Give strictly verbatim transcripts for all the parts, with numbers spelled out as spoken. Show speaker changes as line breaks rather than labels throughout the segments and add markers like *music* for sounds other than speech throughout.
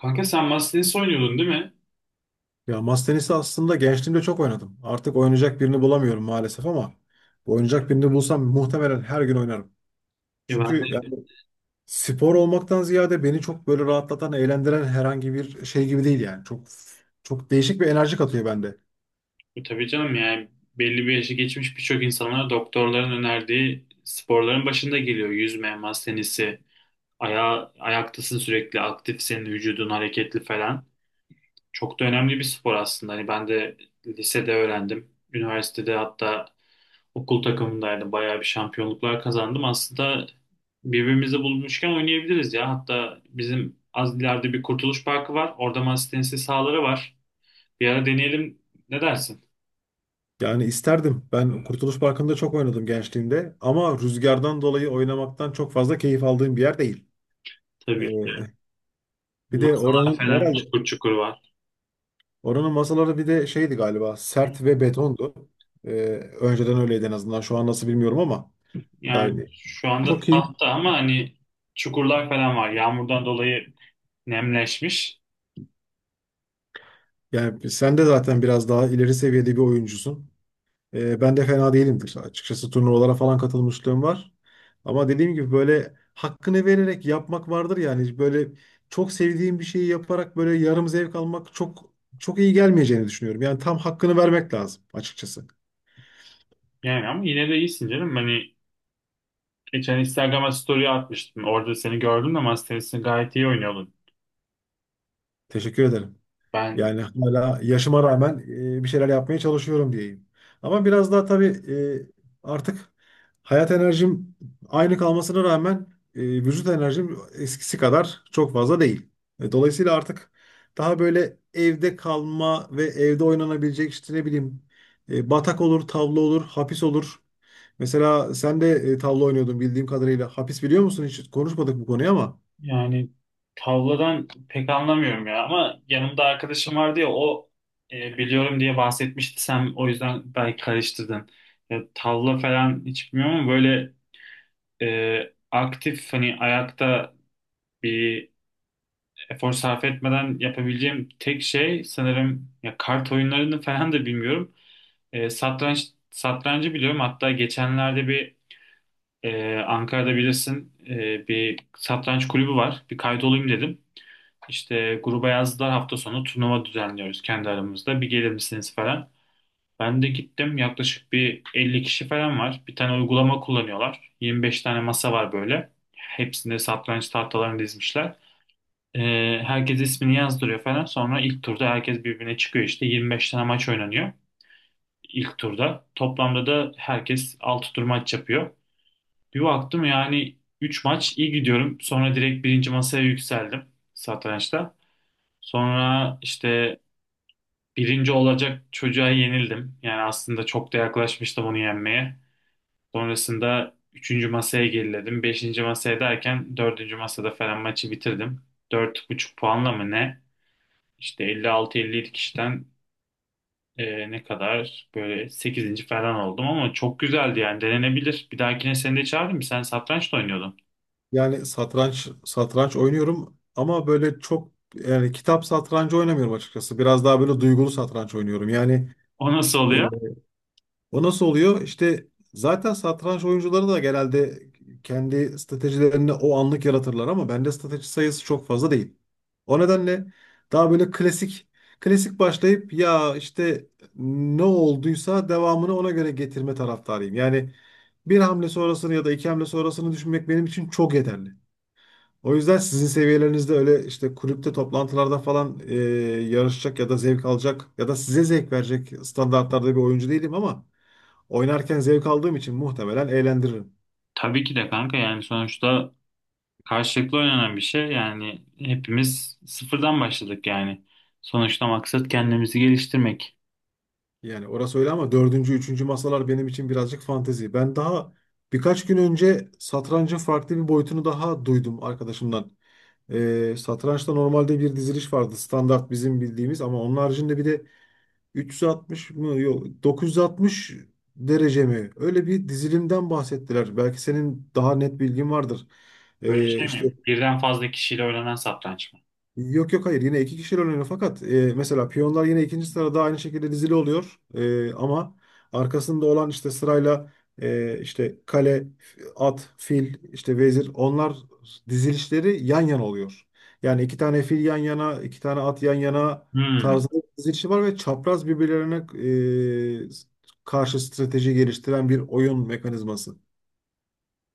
Kanka sen masa tenisi oynuyordun değil mi?
Ya masa tenisi aslında gençliğimde çok oynadım. Artık oynayacak birini bulamıyorum maalesef ama oynayacak birini bulsam muhtemelen her gün oynarım.
Ya ben
Çünkü yani spor olmaktan ziyade beni çok böyle rahatlatan, eğlendiren herhangi bir şey gibi değil yani. Çok çok değişik bir enerji katıyor bende.
de tabii canım yani belli bir yaşı geçmiş birçok insanlar doktorların önerdiği sporların başında geliyor. Yüzme, masa tenisi, aya, ayaktasın sürekli aktifsin, vücudun hareketli falan. Çok da önemli bir spor aslında. Hani ben de lisede öğrendim. Üniversitede hatta okul takımındaydım. Bayağı bir şampiyonluklar kazandım. Aslında birbirimizi bulmuşken oynayabiliriz ya. Hatta bizim az ileride bir Kurtuluş Parkı var. Orada masa tenisi sahaları var. Bir ara deneyelim. Ne dersin?
Yani isterdim. Ben Kurtuluş Parkı'nda çok oynadım gençliğimde ama rüzgardan dolayı oynamaktan çok fazla keyif aldığım bir yer değil. Ee,
Tabii
bir de
masalar
oranın
falan
herhalde
çukur çukur var.
oranın masaları bir de şeydi galiba sert ve betondu. Ee, Önceden öyleydi en azından. Şu an nasıl bilmiyorum ama
Yani
yani
şu anda
çok iyi.
tahta ama hani çukurlar falan var. Yağmurdan dolayı nemleşmiş.
Yani sen de zaten biraz daha ileri seviyede bir oyuncusun. Ee, ben de fena değilimdir. Açıkçası turnuvalara falan katılmışlığım var. Ama dediğim gibi böyle hakkını vererek yapmak vardır yani. Böyle çok sevdiğim bir şeyi yaparak böyle yarım zevk almak çok çok iyi gelmeyeceğini düşünüyorum. Yani tam hakkını vermek lazım açıkçası.
Yani ama yine de iyisin canım. Hani geçen Instagram'a story atmıştım. Orada seni gördüm de ama tenisini gayet iyi oynuyordun.
Teşekkür ederim.
Ben
Yani hala yaşıma rağmen e, bir şeyler yapmaya çalışıyorum diyeyim. Ama biraz daha tabii e, artık hayat enerjim aynı kalmasına rağmen e, vücut enerjim eskisi kadar çok fazla değil. E, dolayısıyla artık daha böyle evde kalma ve evde oynanabilecek işte ne bileyim, e, batak olur, tavla olur, hapis olur. Mesela sen de e, tavla oynuyordun bildiğim kadarıyla. Hapis biliyor musun? Hiç konuşmadık bu konuyu ama.
yani tavladan pek anlamıyorum ya. Ama yanımda arkadaşım vardı ya o e, biliyorum diye bahsetmişti. Sen o yüzden belki karıştırdın. Ya, tavla falan hiç bilmiyorum ama böyle e, aktif hani ayakta bir efor sarf etmeden yapabileceğim tek şey sanırım ya kart oyunlarını *laughs* falan da bilmiyorum. E, satranç satrancı biliyorum. Hatta geçenlerde bir e, Ankara'da bilirsin e, bir satranç kulübü var. Bir kaydolayım dedim. İşte gruba yazdılar hafta sonu turnuva düzenliyoruz kendi aramızda. Bir gelir misiniz falan. Ben de gittim yaklaşık bir elli kişi falan var. Bir tane uygulama kullanıyorlar. yirmi beş tane masa var böyle. Hepsinde satranç tahtalarını dizmişler. Ee, Herkes ismini yazdırıyor falan. Sonra ilk turda herkes birbirine çıkıyor işte. yirmi beş tane maç oynanıyor ilk turda. Toplamda da herkes altı tur maç yapıyor. Bir baktım yani üç maç iyi gidiyorum. Sonra direkt birinci masaya yükseldim satrançta. Sonra işte birinci olacak çocuğa yenildim. Yani aslında çok da yaklaşmıştım onu yenmeye. Sonrasında üçüncü masaya geriledim. Beşinci masaya derken dördüncü masada falan maçı bitirdim. Dört buçuk puanla mı ne? İşte elli altı elli yedi kişiden e, ne kadar böyle sekizinci falan oldum ama çok güzeldi yani denenebilir. Bir dahakine seni de çağırdım. Sen satranç da oynuyordun.
Yani satranç satranç oynuyorum ama böyle çok yani kitap satrancı oynamıyorum açıkçası. Biraz daha böyle duygulu satranç oynuyorum. Yani
O nasıl
e,
oluyor?
o nasıl oluyor? İşte zaten satranç oyuncuları da genelde kendi stratejilerini o anlık yaratırlar ama bende strateji sayısı çok fazla değil. O nedenle daha böyle klasik klasik başlayıp ya işte ne olduysa devamını ona göre getirme taraftarıyım. Yani bir hamle sonrasını ya da iki hamle sonrasını düşünmek benim için çok yeterli. O yüzden sizin seviyelerinizde öyle işte kulüpte toplantılarda falan e, yarışacak ya da zevk alacak ya da size zevk verecek standartlarda bir oyuncu değilim ama oynarken zevk aldığım için muhtemelen eğlendiririm.
Tabii ki de kanka yani sonuçta karşılıklı oynanan bir şey. Yani hepimiz sıfırdan başladık yani. Sonuçta maksat kendimizi geliştirmek.
Yani orası öyle ama dördüncü, üçüncü masalar benim için birazcık fantezi. Ben daha birkaç gün önce satrancın farklı bir boyutunu daha duydum arkadaşımdan. Ee, satrançta normalde bir diziliş vardı. Standart bizim bildiğimiz ama onun haricinde bir de üç yüz altmış mı yok dokuz yüz altmış derece mi? Öyle bir dizilimden bahsettiler. Belki senin daha net bilgin vardır.
Böyle
Ee,
şey
işte
mi? Birden fazla kişiyle oynanan satranç mı?
Yok yok hayır, yine iki kişiyle oynanıyor fakat e, mesela piyonlar yine ikinci sırada aynı şekilde dizili oluyor. E, ama arkasında olan işte sırayla, e, işte kale, f- at, fil, işte vezir onlar dizilişleri yan yana oluyor. Yani iki tane fil yan yana, iki tane at yan yana
Hmm.
tarzında bir dizilişi var ve çapraz birbirlerine e, karşı strateji geliştiren bir oyun mekanizması.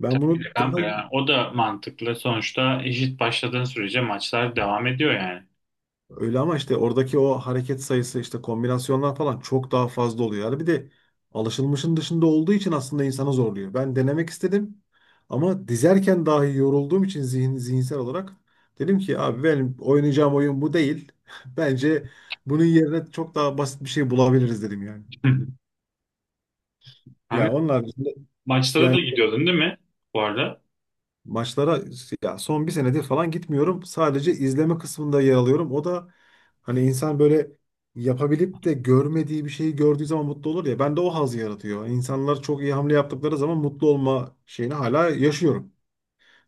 Ben
Tabii ki de
bunu daha
kanka ya. O da mantıklı. Sonuçta eşit başladığın sürece maçlar devam ediyor yani.
öyle ama işte oradaki o hareket sayısı işte kombinasyonlar falan çok daha fazla oluyor. Yani bir de alışılmışın dışında olduğu için aslında insanı zorluyor. Ben denemek istedim ama dizerken dahi yorulduğum için zihin, zihinsel olarak dedim ki abi benim oynayacağım oyun bu değil. *laughs* Bence bunun yerine çok daha basit bir şey bulabiliriz dedim yani.
*laughs* Hani
Ya onlar
maçlara
yani
da gidiyordun değil mi bu arada?
maçlara Ya son bir senedir falan gitmiyorum. Sadece izleme kısmında yer alıyorum. O da hani insan böyle yapabilip de görmediği bir şeyi gördüğü zaman mutlu olur ya. Ben de o haz yaratıyor. İnsanlar çok iyi hamle yaptıkları zaman mutlu olma şeyini hala yaşıyorum,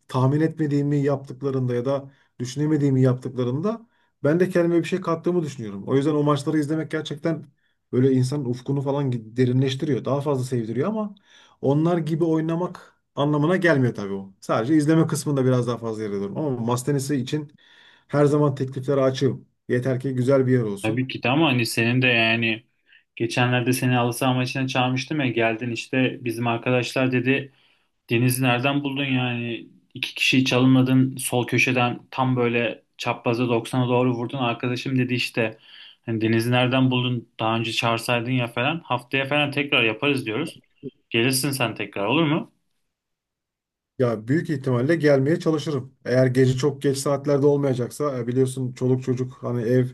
tahmin etmediğimi yaptıklarında ya da düşünemediğimi yaptıklarında ben de kendime bir şey kattığımı düşünüyorum. O yüzden o maçları izlemek gerçekten böyle insanın ufkunu falan gi- derinleştiriyor. Daha fazla sevdiriyor ama onlar gibi oynamak anlamına gelmiyor tabii o. Sadece izleme kısmında biraz daha fazla yer alıyorum. Ama masa tenisi için her zaman tekliflere açığım. Yeter ki güzel bir yer
Tabii
olsun.
ki de ama hani senin de yani geçenlerde seni halı saha maçına çağırmıştım ya geldin işte bizim arkadaşlar dedi Deniz nereden buldun yani? İki kişiyi çalımladın sol köşeden tam böyle çapraza doksana doğru vurdun. Arkadaşım dedi işte hani Deniz'i nereden buldun? Daha önce çağırsaydın ya falan. Haftaya falan tekrar yaparız diyoruz. Gelirsin sen tekrar olur mu?
Ya büyük ihtimalle gelmeye çalışırım. Eğer gece çok geç saatlerde olmayacaksa, e, biliyorsun çoluk çocuk hani ev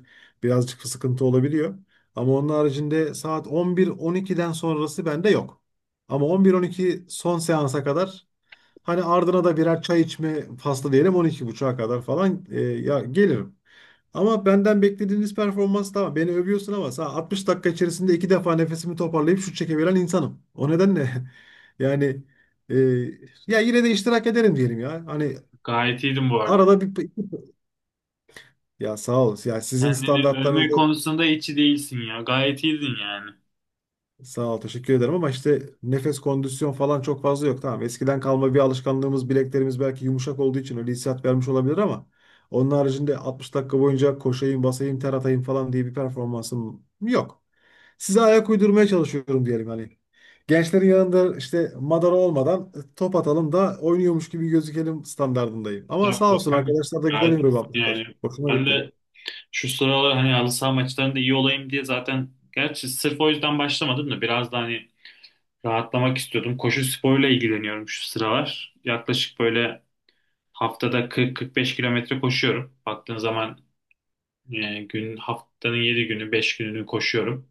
birazcık sıkıntı olabiliyor. Ama onun haricinde saat on bir on ikiden sonrası bende yok. Ama on bir on iki son seansa kadar, hani ardına da birer çay içme faslı diyelim, on iki otuza kadar falan, e, ya gelirim. Ama benden beklediğiniz performans tamam. Beni övüyorsun ama sana altmış dakika içerisinde iki defa nefesimi toparlayıp şut çekebilen insanım. O nedenle *laughs* yani e, ya yine de iştirak ederim diyelim ya. Hani
Gayet iyiydin bu arada.
arada bir, ya sağ ol. Ya sizin
Kendini övme
standartlarınızda
konusunda içi değilsin ya. Gayet iyiydin yani.
sağ ol. Teşekkür ederim ama işte nefes kondisyon falan çok fazla yok. Tamam. Eskiden kalma bir alışkanlığımız bileklerimiz belki yumuşak olduğu için öyle hissiyat vermiş olabilir ama onun haricinde altmış dakika boyunca koşayım, basayım, ter atayım falan diye bir performansım yok. Size ayak uydurmaya çalışıyorum diyelim hani. Gençlerin yanında işte madara olmadan e, top atalım da oynuyormuş gibi gözükelim standardındayım. Ama sağ
Estağfurullah
olsun
abi.
arkadaşlar da güzel
Gayet
yorum
iyisin
yapmışlar.
yani.
Hoşuma
Ben
gitti.
de şu sıralar hani halı saha maçlarında iyi olayım diye zaten gerçi sırf o yüzden başlamadım da biraz da hani rahatlamak istiyordum. Koşu sporuyla ilgileniyorum şu sıralar. Yaklaşık böyle haftada kırk kırk beş kilometre koşuyorum. Baktığın zaman e, gün haftanın yedi günü beş gününü koşuyorum.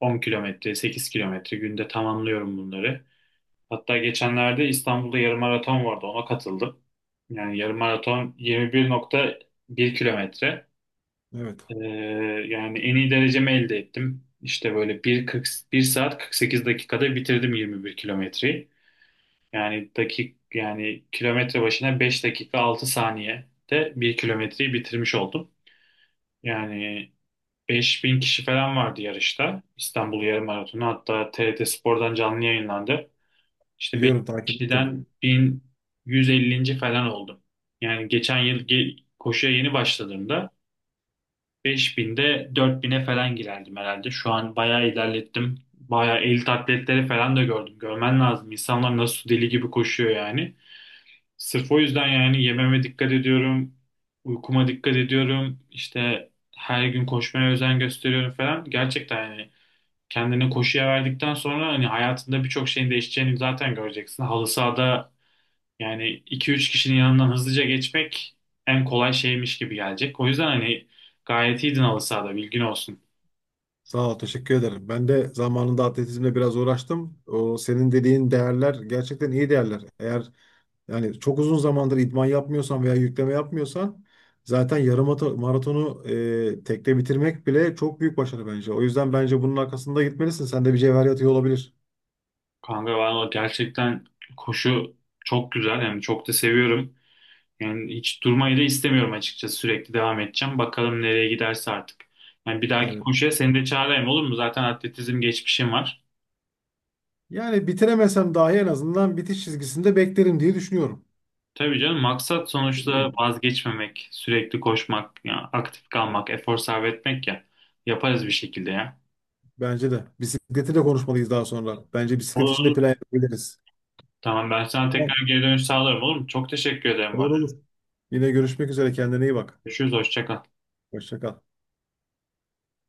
on kilometre, sekiz kilometre günde tamamlıyorum bunları. Hatta geçenlerde İstanbul'da yarım maraton vardı. Ona katıldım. Yani yarım maraton yirmi bir nokta bir kilometre.
Evet.
Ee, Yani en iyi derecemi elde ettim. İşte böyle bir, kırk, bir saat kırk sekiz dakikada bitirdim yirmi bir kilometreyi. Yani dakik yani kilometre başına beş dakika altı saniyede bir kilometreyi bitirmiş oldum. Yani beş bin kişi falan vardı yarışta. İstanbul Yarım Maratonu hatta TRT Spor'dan canlı yayınlandı. İşte beş
Biliyorum
bin
takip ettim.
kişiden bin yüz ellinci. falan oldum. Yani geçen yıl ge- koşuya yeni başladığımda beş binde dört bin'e falan girerdim herhalde. Şu an bayağı ilerlettim. Bayağı elit atletleri falan da gördüm. Görmen lazım. İnsanlar nasıl deli gibi koşuyor yani. Sırf o yüzden yani yememe dikkat ediyorum, uykuma dikkat ediyorum, işte her gün koşmaya özen gösteriyorum falan. Gerçekten yani kendini koşuya verdikten sonra hani hayatında birçok şeyin değişeceğini zaten göreceksin. Halı sahada yani iki üç kişinin yanından hızlıca geçmek en kolay şeymiş gibi gelecek. O yüzden hani gayet iyiydin halı sahada bilgin olsun.
Sağ ol, teşekkür ederim. Ben de zamanında atletizmle biraz uğraştım. O senin dediğin değerler gerçekten iyi değerler. Eğer yani çok uzun zamandır idman yapmıyorsan veya yükleme yapmıyorsan zaten yarım ato- maratonu e, tekte bitirmek bile çok büyük başarı bence. O yüzden bence bunun arkasında gitmelisin. Sende bir cevher yatıyor olabilir.
Kanka valla gerçekten koşu çok güzel yani çok da seviyorum. Yani hiç durmayı da istemiyorum açıkçası. Sürekli devam edeceğim. Bakalım nereye giderse artık. Yani bir dahaki
Yani
koşuya seni de çağırayım olur mu? Zaten atletizm geçmişim var.
yani bitiremesem dahi en azından bitiş çizgisinde beklerim diye düşünüyorum.
Tabii canım maksat sonuçta vazgeçmemek, sürekli koşmak, ya aktif kalmak, efor sarf etmek ya. Yaparız bir şekilde ya.
Bence de. Bisikleti de konuşmalıyız daha sonra. Bence bisiklet
Olur
için de
olur.
plan yapabiliriz.
Tamam ben sana
Tamam.
tekrar geri dönüş sağlarım olur mu? Çok teşekkür ederim
Olur
bana.
olur. Yine görüşmek üzere. Kendine iyi bak.
Görüşürüz hoşça kal.
Hoşça kal.